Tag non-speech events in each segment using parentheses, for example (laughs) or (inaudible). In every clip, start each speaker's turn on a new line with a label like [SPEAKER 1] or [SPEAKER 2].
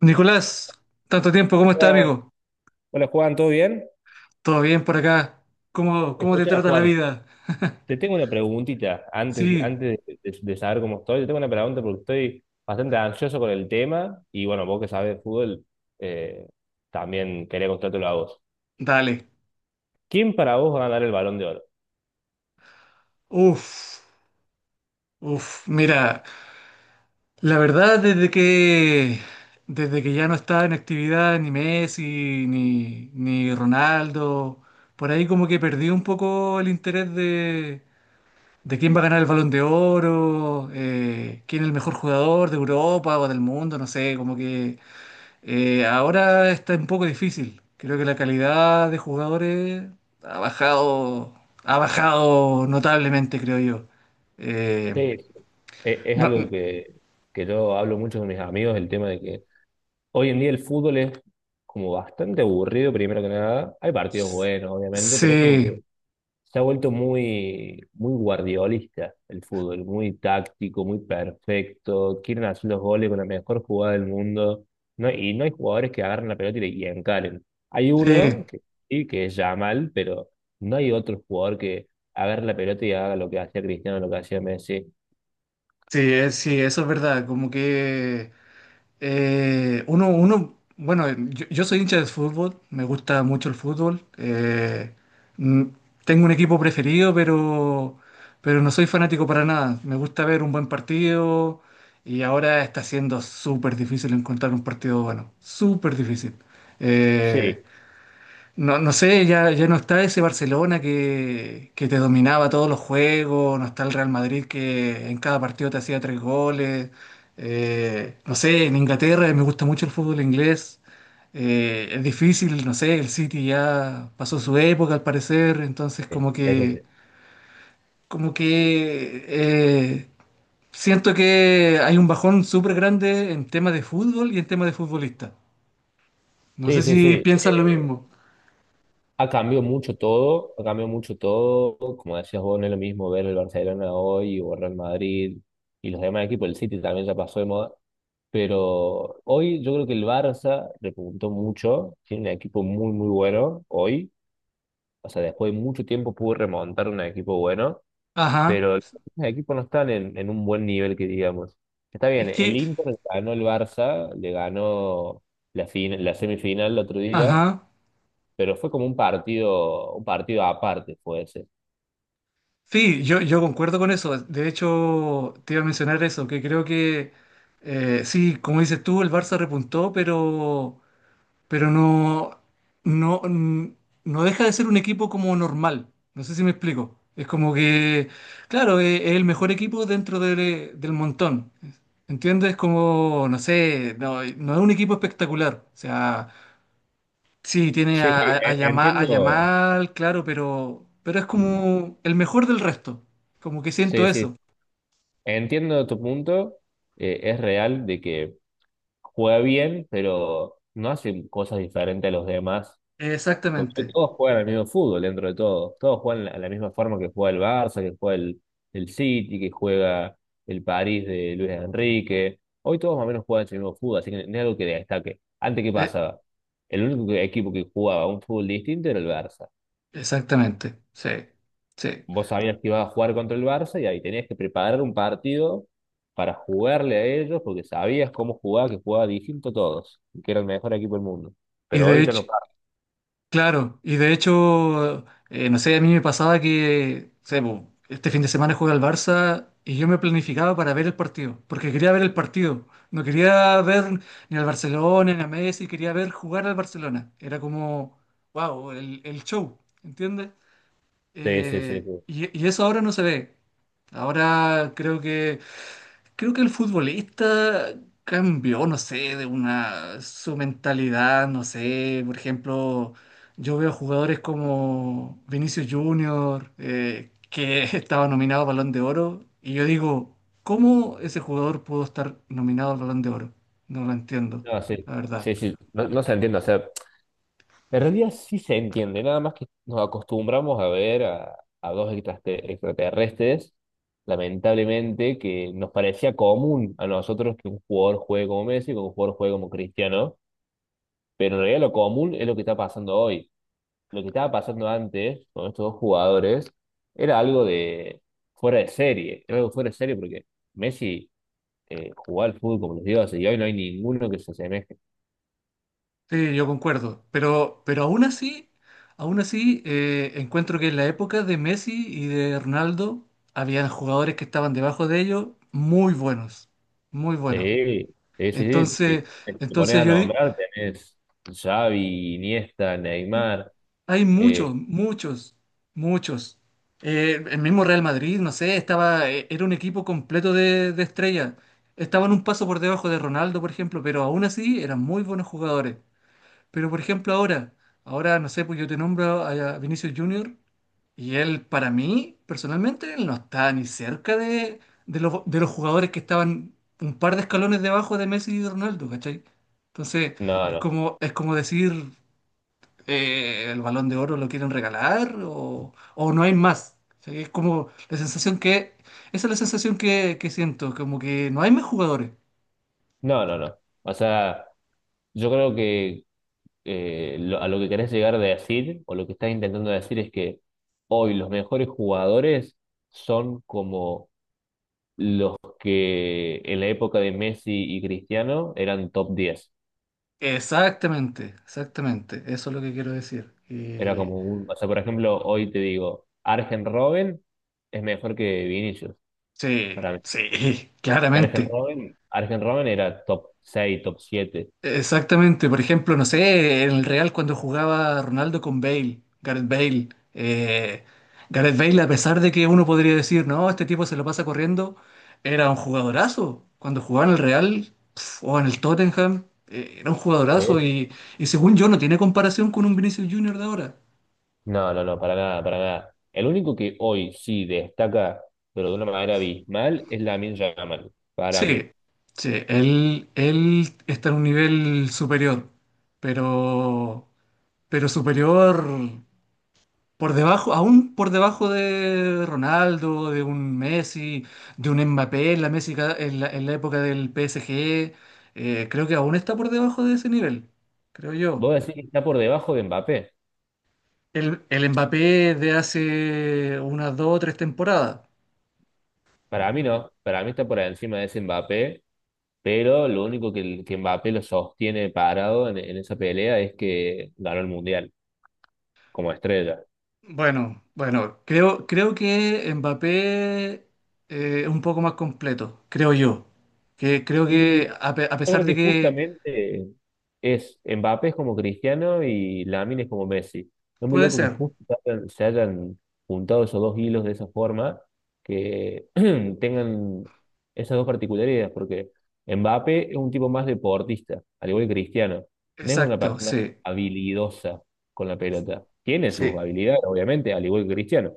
[SPEAKER 1] Nicolás, tanto tiempo, ¿cómo está,
[SPEAKER 2] Hola,
[SPEAKER 1] amigo?
[SPEAKER 2] hola, Juan, ¿todo bien?
[SPEAKER 1] ¿Todo bien por acá? ¿Cómo te
[SPEAKER 2] Escucha,
[SPEAKER 1] trata la
[SPEAKER 2] Juan,
[SPEAKER 1] vida?
[SPEAKER 2] te tengo una preguntita antes,
[SPEAKER 1] Sí,
[SPEAKER 2] antes de, de saber cómo estoy. Te tengo una pregunta porque estoy bastante ansioso con el tema y bueno, vos que sabes de fútbol, eh, también quería contártelo a vos.
[SPEAKER 1] dale.
[SPEAKER 2] ¿Quién para vos va a ganar el Balón de Oro?
[SPEAKER 1] Uf, uf, mira, la verdad desde que ya no estaba en actividad ni Messi ni Ronaldo, por ahí como que perdí un poco el interés de quién va a ganar el Balón de Oro, quién es el mejor jugador de Europa o del mundo, no sé, como que ahora está un poco difícil. Creo que la calidad de jugadores ha bajado, ha bajado notablemente, creo yo. Eh,
[SPEAKER 2] Sí, sí. Es algo
[SPEAKER 1] no-
[SPEAKER 2] que yo hablo mucho con mis amigos, el tema de que hoy en día el fútbol es como bastante aburrido, primero que nada. Hay partidos buenos, obviamente, pero es como que
[SPEAKER 1] sí,
[SPEAKER 2] se ha vuelto muy, muy guardiolista el fútbol, muy táctico, muy perfecto. Quieren hacer los goles con la mejor jugada del mundo. No, y no hay jugadores que agarren la pelota y, y encaren. Hay uno
[SPEAKER 1] sí,
[SPEAKER 2] que, sí, que es Yamal, pero no hay otro jugador que agarre la pelota y haga lo que hacía Cristiano, lo que hacía Messi.
[SPEAKER 1] sí, sí, eso es verdad. Como que bueno, yo soy hincha de fútbol, me gusta mucho el fútbol. Mm, tengo un equipo preferido, pero no soy fanático para nada. Me gusta ver un buen partido y ahora está siendo súper difícil encontrar un partido bueno, súper difícil. Eh,
[SPEAKER 2] Sí,
[SPEAKER 1] no sé, ya no está ese Barcelona que te dominaba todos los juegos, no está el Real Madrid que en cada partido te hacía tres goles. No sé, en Inglaterra me gusta mucho el fútbol inglés. Es difícil, no sé, el City ya pasó su época al parecer, entonces
[SPEAKER 2] sí, eso sí.
[SPEAKER 1] como que siento que hay un bajón súper grande en tema de fútbol y en tema de futbolista. No sé
[SPEAKER 2] Sí, sí, sí.
[SPEAKER 1] si piensan lo
[SPEAKER 2] eh,
[SPEAKER 1] mismo.
[SPEAKER 2] Ha cambiado mucho todo, ha cambiado mucho todo. Como decías vos, no es lo mismo ver el Barcelona hoy o el Real Madrid y los demás equipos. El City también ya pasó de moda. Pero hoy yo creo que el Barça repuntó mucho. Tiene un equipo muy, muy bueno hoy. O sea, después de mucho tiempo pudo remontar un equipo bueno.
[SPEAKER 1] Ajá.
[SPEAKER 2] Pero los equipos no están en un buen nivel, que digamos. Está bien,
[SPEAKER 1] Es
[SPEAKER 2] el
[SPEAKER 1] que,
[SPEAKER 2] Inter ganó el Barça, le ganó la semifinal el otro día,
[SPEAKER 1] ajá.
[SPEAKER 2] pero fue como un partido aparte, fue ese.
[SPEAKER 1] Sí, yo concuerdo con eso. De hecho, te iba a mencionar eso, que creo que sí, como dices tú, el Barça repuntó, pero no, n- no deja de ser un equipo como normal. No sé si me explico. Es como que, claro, es el mejor equipo del montón. ¿Entiendes? Como, no sé, no es un equipo espectacular. O sea. Sí, tiene
[SPEAKER 2] Sí, sí,
[SPEAKER 1] A
[SPEAKER 2] entiendo.
[SPEAKER 1] Yamal, claro, pero es como el mejor del resto. Como que siento
[SPEAKER 2] Sí, sí,
[SPEAKER 1] eso.
[SPEAKER 2] entiendo tu punto. Es real de que juega bien, pero no hace cosas diferentes a los demás. Porque
[SPEAKER 1] Exactamente.
[SPEAKER 2] todos juegan el mismo fútbol dentro de todo. Todos juegan a la misma forma que juega el Barça, que juega el City, que juega el París de Luis Enrique. Hoy todos más o menos juegan el mismo fútbol, así que no es algo que destaque. Antes, ¿qué
[SPEAKER 1] Eh,
[SPEAKER 2] pasaba? El único equipo que jugaba un fútbol distinto era el Barça.
[SPEAKER 1] exactamente. Sí. Sí.
[SPEAKER 2] Vos sabías que ibas a jugar contra el Barça y ahí tenías que preparar un partido para jugarle a ellos porque sabías cómo jugaba, que jugaba distinto a todos, y que era el mejor equipo del mundo.
[SPEAKER 1] Y
[SPEAKER 2] Pero
[SPEAKER 1] de
[SPEAKER 2] ahorita
[SPEAKER 1] hecho,
[SPEAKER 2] no pasa.
[SPEAKER 1] claro, y de hecho, no sé, a mí me pasaba que, o sea, po, este fin de semana juega el Barça y yo me planificaba para ver el partido, porque quería ver el partido. No quería ver ni al Barcelona, ni a Messi, quería ver jugar al Barcelona. Era como, wow, el show, ¿entiendes?
[SPEAKER 2] Sí, sí, sí, sí.
[SPEAKER 1] Y eso ahora no se ve. Ahora creo que el futbolista cambió, no sé, de una su mentalidad, no sé, por ejemplo, yo veo jugadores como Vinicius Junior que (laughs) estaba nominado a Balón de Oro y yo digo, ¿cómo ese jugador pudo estar nominado al Balón de Oro? No lo entiendo,
[SPEAKER 2] No, sí,
[SPEAKER 1] la verdad.
[SPEAKER 2] sí, sí. No, no se entiende. O sea, en realidad sí se entiende, nada más que nos acostumbramos a ver a dos extraterrestres, lamentablemente, que nos parecía común a nosotros que un jugador juegue como Messi, que un jugador juegue como Cristiano, pero en realidad lo común es lo que está pasando hoy. Lo que estaba pasando antes con estos dos jugadores era algo de fuera de serie, era algo fuera de serie porque Messi jugaba al fútbol como los dioses y hoy no hay ninguno que se asemeje.
[SPEAKER 1] Sí, yo concuerdo, aún así encuentro que en la época de Messi y de Ronaldo había jugadores que estaban debajo de ellos muy buenos, muy buenos.
[SPEAKER 2] Sí, sí, sí, sí. Sí.
[SPEAKER 1] Entonces,
[SPEAKER 2] Te pones a
[SPEAKER 1] entonces yo di-
[SPEAKER 2] nombrar, tenés Xavi, Iniesta, Neymar.
[SPEAKER 1] hay
[SPEAKER 2] eh,
[SPEAKER 1] muchos. El mismo Real Madrid, no sé, estaba, era un equipo completo de estrellas. Estaban un paso por debajo de Ronaldo, por ejemplo, pero aún así eran muy buenos jugadores. Pero por ejemplo ahora, no sé, pues yo te nombro a Vinicius Junior y él para mí, personalmente, él no está ni cerca de los jugadores que estaban un par de escalones debajo de Messi y de Ronaldo, ¿cachai? Entonces,
[SPEAKER 2] no, no,
[SPEAKER 1] es como decir, el Balón de Oro lo quieren regalar o no hay más. ¿Cachai? Es como la sensación que, esa es la sensación que siento, como que no hay más jugadores.
[SPEAKER 2] no, no, no. O sea, yo creo que a lo que querés llegar a decir, o lo que estás intentando decir es que hoy los mejores jugadores son como los que en la época de Messi y Cristiano eran top 10.
[SPEAKER 1] Exactamente, exactamente, eso es lo que quiero decir.
[SPEAKER 2] Era
[SPEAKER 1] Y
[SPEAKER 2] como un, o sea, por ejemplo, hoy te digo, Arjen Robben es mejor que Vinicius,
[SPEAKER 1] sí,
[SPEAKER 2] para mí.
[SPEAKER 1] sí, (laughs)
[SPEAKER 2] Y Arjen
[SPEAKER 1] claramente.
[SPEAKER 2] Robben, Arjen Robben era top seis, top siete.
[SPEAKER 1] Exactamente. Por ejemplo, no sé, en el Real cuando jugaba Ronaldo con Bale, Gareth Bale. eh, Gareth Bale, a pesar de que uno podría decir, no, este tipo se lo pasa corriendo, era un jugadorazo. Cuando jugaba en el Real pf, o en el Tottenham, era un jugadorazo
[SPEAKER 2] ¿Eh?
[SPEAKER 1] y según yo no tiene comparación con un Vinicius Junior de ahora.
[SPEAKER 2] No, no, no, para nada, para nada. El único que hoy sí destaca, pero de una manera abismal, es Lamine Yamal, para mí.
[SPEAKER 1] Sí, sí, él está en un nivel superior, pero, pero superior. Por debajo, aún por debajo de Ronaldo, de un Messi, de un Mbappé en la, Messi ca- en la época del PSG, creo que aún está por debajo de ese nivel, creo yo.
[SPEAKER 2] ¿Vos decís que está por debajo de Mbappé?
[SPEAKER 1] El Mbappé de hace unas dos o tres temporadas.
[SPEAKER 2] Para mí no, para mí está por encima de ese Mbappé. Pero lo único que Mbappé lo sostiene parado en esa pelea es que ganó el Mundial como estrella.
[SPEAKER 1] Bueno, creo que Mbappé es un poco más completo, creo yo. Que, creo
[SPEAKER 2] Y
[SPEAKER 1] que
[SPEAKER 2] yo
[SPEAKER 1] a pesar
[SPEAKER 2] creo
[SPEAKER 1] de
[SPEAKER 2] que
[SPEAKER 1] que
[SPEAKER 2] justamente es Mbappé es como Cristiano y Lamine es como Messi. Es muy
[SPEAKER 1] puede
[SPEAKER 2] loco que
[SPEAKER 1] ser,
[SPEAKER 2] justo se hayan juntado esos dos hilos de esa forma, que (clears throat) tengan esas dos particularidades, porque Mbappé es un tipo más deportista, al igual que Cristiano. No es una
[SPEAKER 1] exacto,
[SPEAKER 2] persona
[SPEAKER 1] sí,
[SPEAKER 2] habilidosa con la pelota. Tiene sus
[SPEAKER 1] sí.
[SPEAKER 2] habilidades, obviamente, al igual que Cristiano,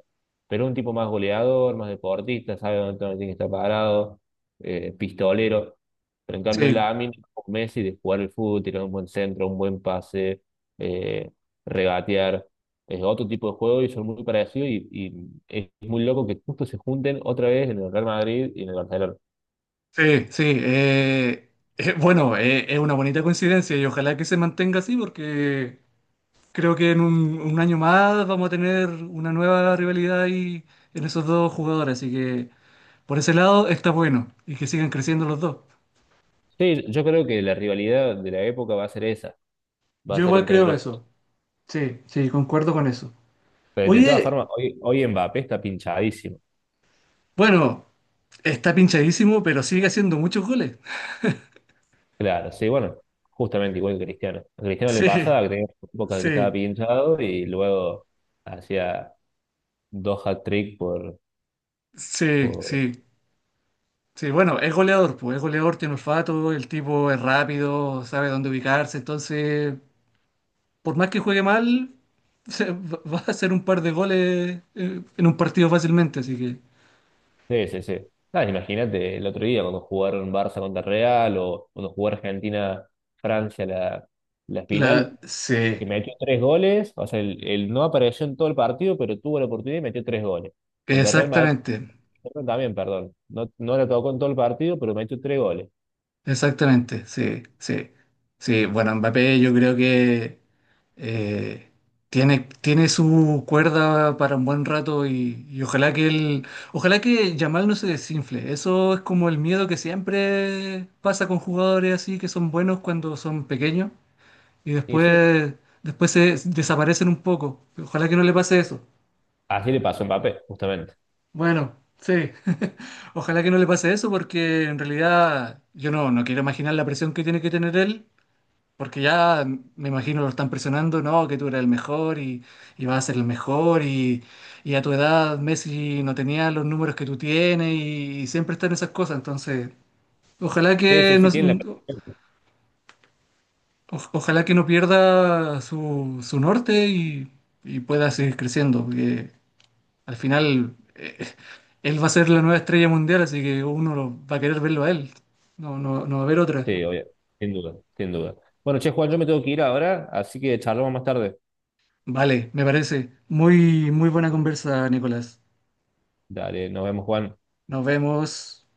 [SPEAKER 2] pero es un tipo más goleador, más deportista, sabe dónde tiene que estar parado, pistolero. Pero en cambio,
[SPEAKER 1] Sí,
[SPEAKER 2] Lamine es como Messi de jugar el fútbol, tirar un buen centro, un buen pase, eh, regatear. Es otro tipo de juego y son muy parecidos. Y es muy loco que justo se junten otra vez en el Real Madrid y en el Barcelona.
[SPEAKER 1] sí, sí. Bueno, es una bonita coincidencia y ojalá que se mantenga así porque creo que en un año más vamos a tener una nueva rivalidad ahí en esos dos jugadores. Así que por ese lado está bueno y que sigan creciendo los dos.
[SPEAKER 2] Sí, yo creo que la rivalidad de la época va a ser esa, va a
[SPEAKER 1] Yo
[SPEAKER 2] ser
[SPEAKER 1] igual
[SPEAKER 2] entre
[SPEAKER 1] creo
[SPEAKER 2] ellos.
[SPEAKER 1] eso. Sí, sí, concuerdo con eso.
[SPEAKER 2] Pero de todas
[SPEAKER 1] Oye,
[SPEAKER 2] formas, hoy Mbappé está pinchadísimo.
[SPEAKER 1] bueno, está pinchadísimo, pero sigue haciendo muchos goles.
[SPEAKER 2] Claro, sí, bueno, justamente igual que Cristiano. A
[SPEAKER 1] (laughs)
[SPEAKER 2] Cristiano le
[SPEAKER 1] Sí,
[SPEAKER 2] pasaba que tenía épocas que estaba
[SPEAKER 1] sí,
[SPEAKER 2] pinchado y luego hacía dos hat-trick por,
[SPEAKER 1] sí,
[SPEAKER 2] por
[SPEAKER 1] sí. Sí, bueno, es goleador, pues es goleador, tiene olfato, el tipo es rápido, sabe dónde ubicarse, entonces, por más que juegue mal, (laughs) va a hacer un par de goles en un partido fácilmente, así que...
[SPEAKER 2] Sí, sí, sí. Nada, imagínate el otro día cuando jugaron Barça contra Real o cuando jugó Argentina-Francia la
[SPEAKER 1] La...
[SPEAKER 2] final,
[SPEAKER 1] Sí,
[SPEAKER 2] que metió tres goles, o sea, el no apareció en todo el partido, pero tuvo la oportunidad y metió tres goles. Contra Real Madrid
[SPEAKER 1] exactamente.
[SPEAKER 2] perdón, también, perdón. No, no la tocó en todo el partido, pero metió tres goles.
[SPEAKER 1] Exactamente, sí, sí. Sí, bueno, Mbappé yo creo que eh, tiene su cuerda para un buen rato y ojalá que él, ojalá que Yamal no se desinfle. Eso es como el miedo que siempre pasa con jugadores así que son buenos cuando son pequeños y
[SPEAKER 2] Y sí,
[SPEAKER 1] después, después se desaparecen un poco. Ojalá que no le pase eso.
[SPEAKER 2] así le pasó a Mbappé, justamente.
[SPEAKER 1] Bueno, sí. (laughs) Ojalá que no le pase eso porque en realidad yo no quiero imaginar la presión que tiene que tener él. Porque ya me imagino lo están presionando, no, que tú eres el mejor y vas a ser el mejor y a tu edad Messi no tenía los números que tú tienes y siempre están esas cosas. Entonces, ojalá
[SPEAKER 2] Sí, sí,
[SPEAKER 1] que
[SPEAKER 2] sí,
[SPEAKER 1] no,
[SPEAKER 2] tiene la perfección.
[SPEAKER 1] ojalá que no pierda su, su norte y pueda seguir creciendo. Porque al final él va a ser la nueva estrella mundial, así que va a querer verlo a él. No, no, no va a haber otra.
[SPEAKER 2] Sí, obvio, sin duda, sin duda. Bueno, che, Juan, yo me tengo que ir ahora, así que charlamos más tarde.
[SPEAKER 1] Vale, me parece. Muy, muy buena conversa, Nicolás.
[SPEAKER 2] Dale, nos vemos, Juan.
[SPEAKER 1] Nos vemos.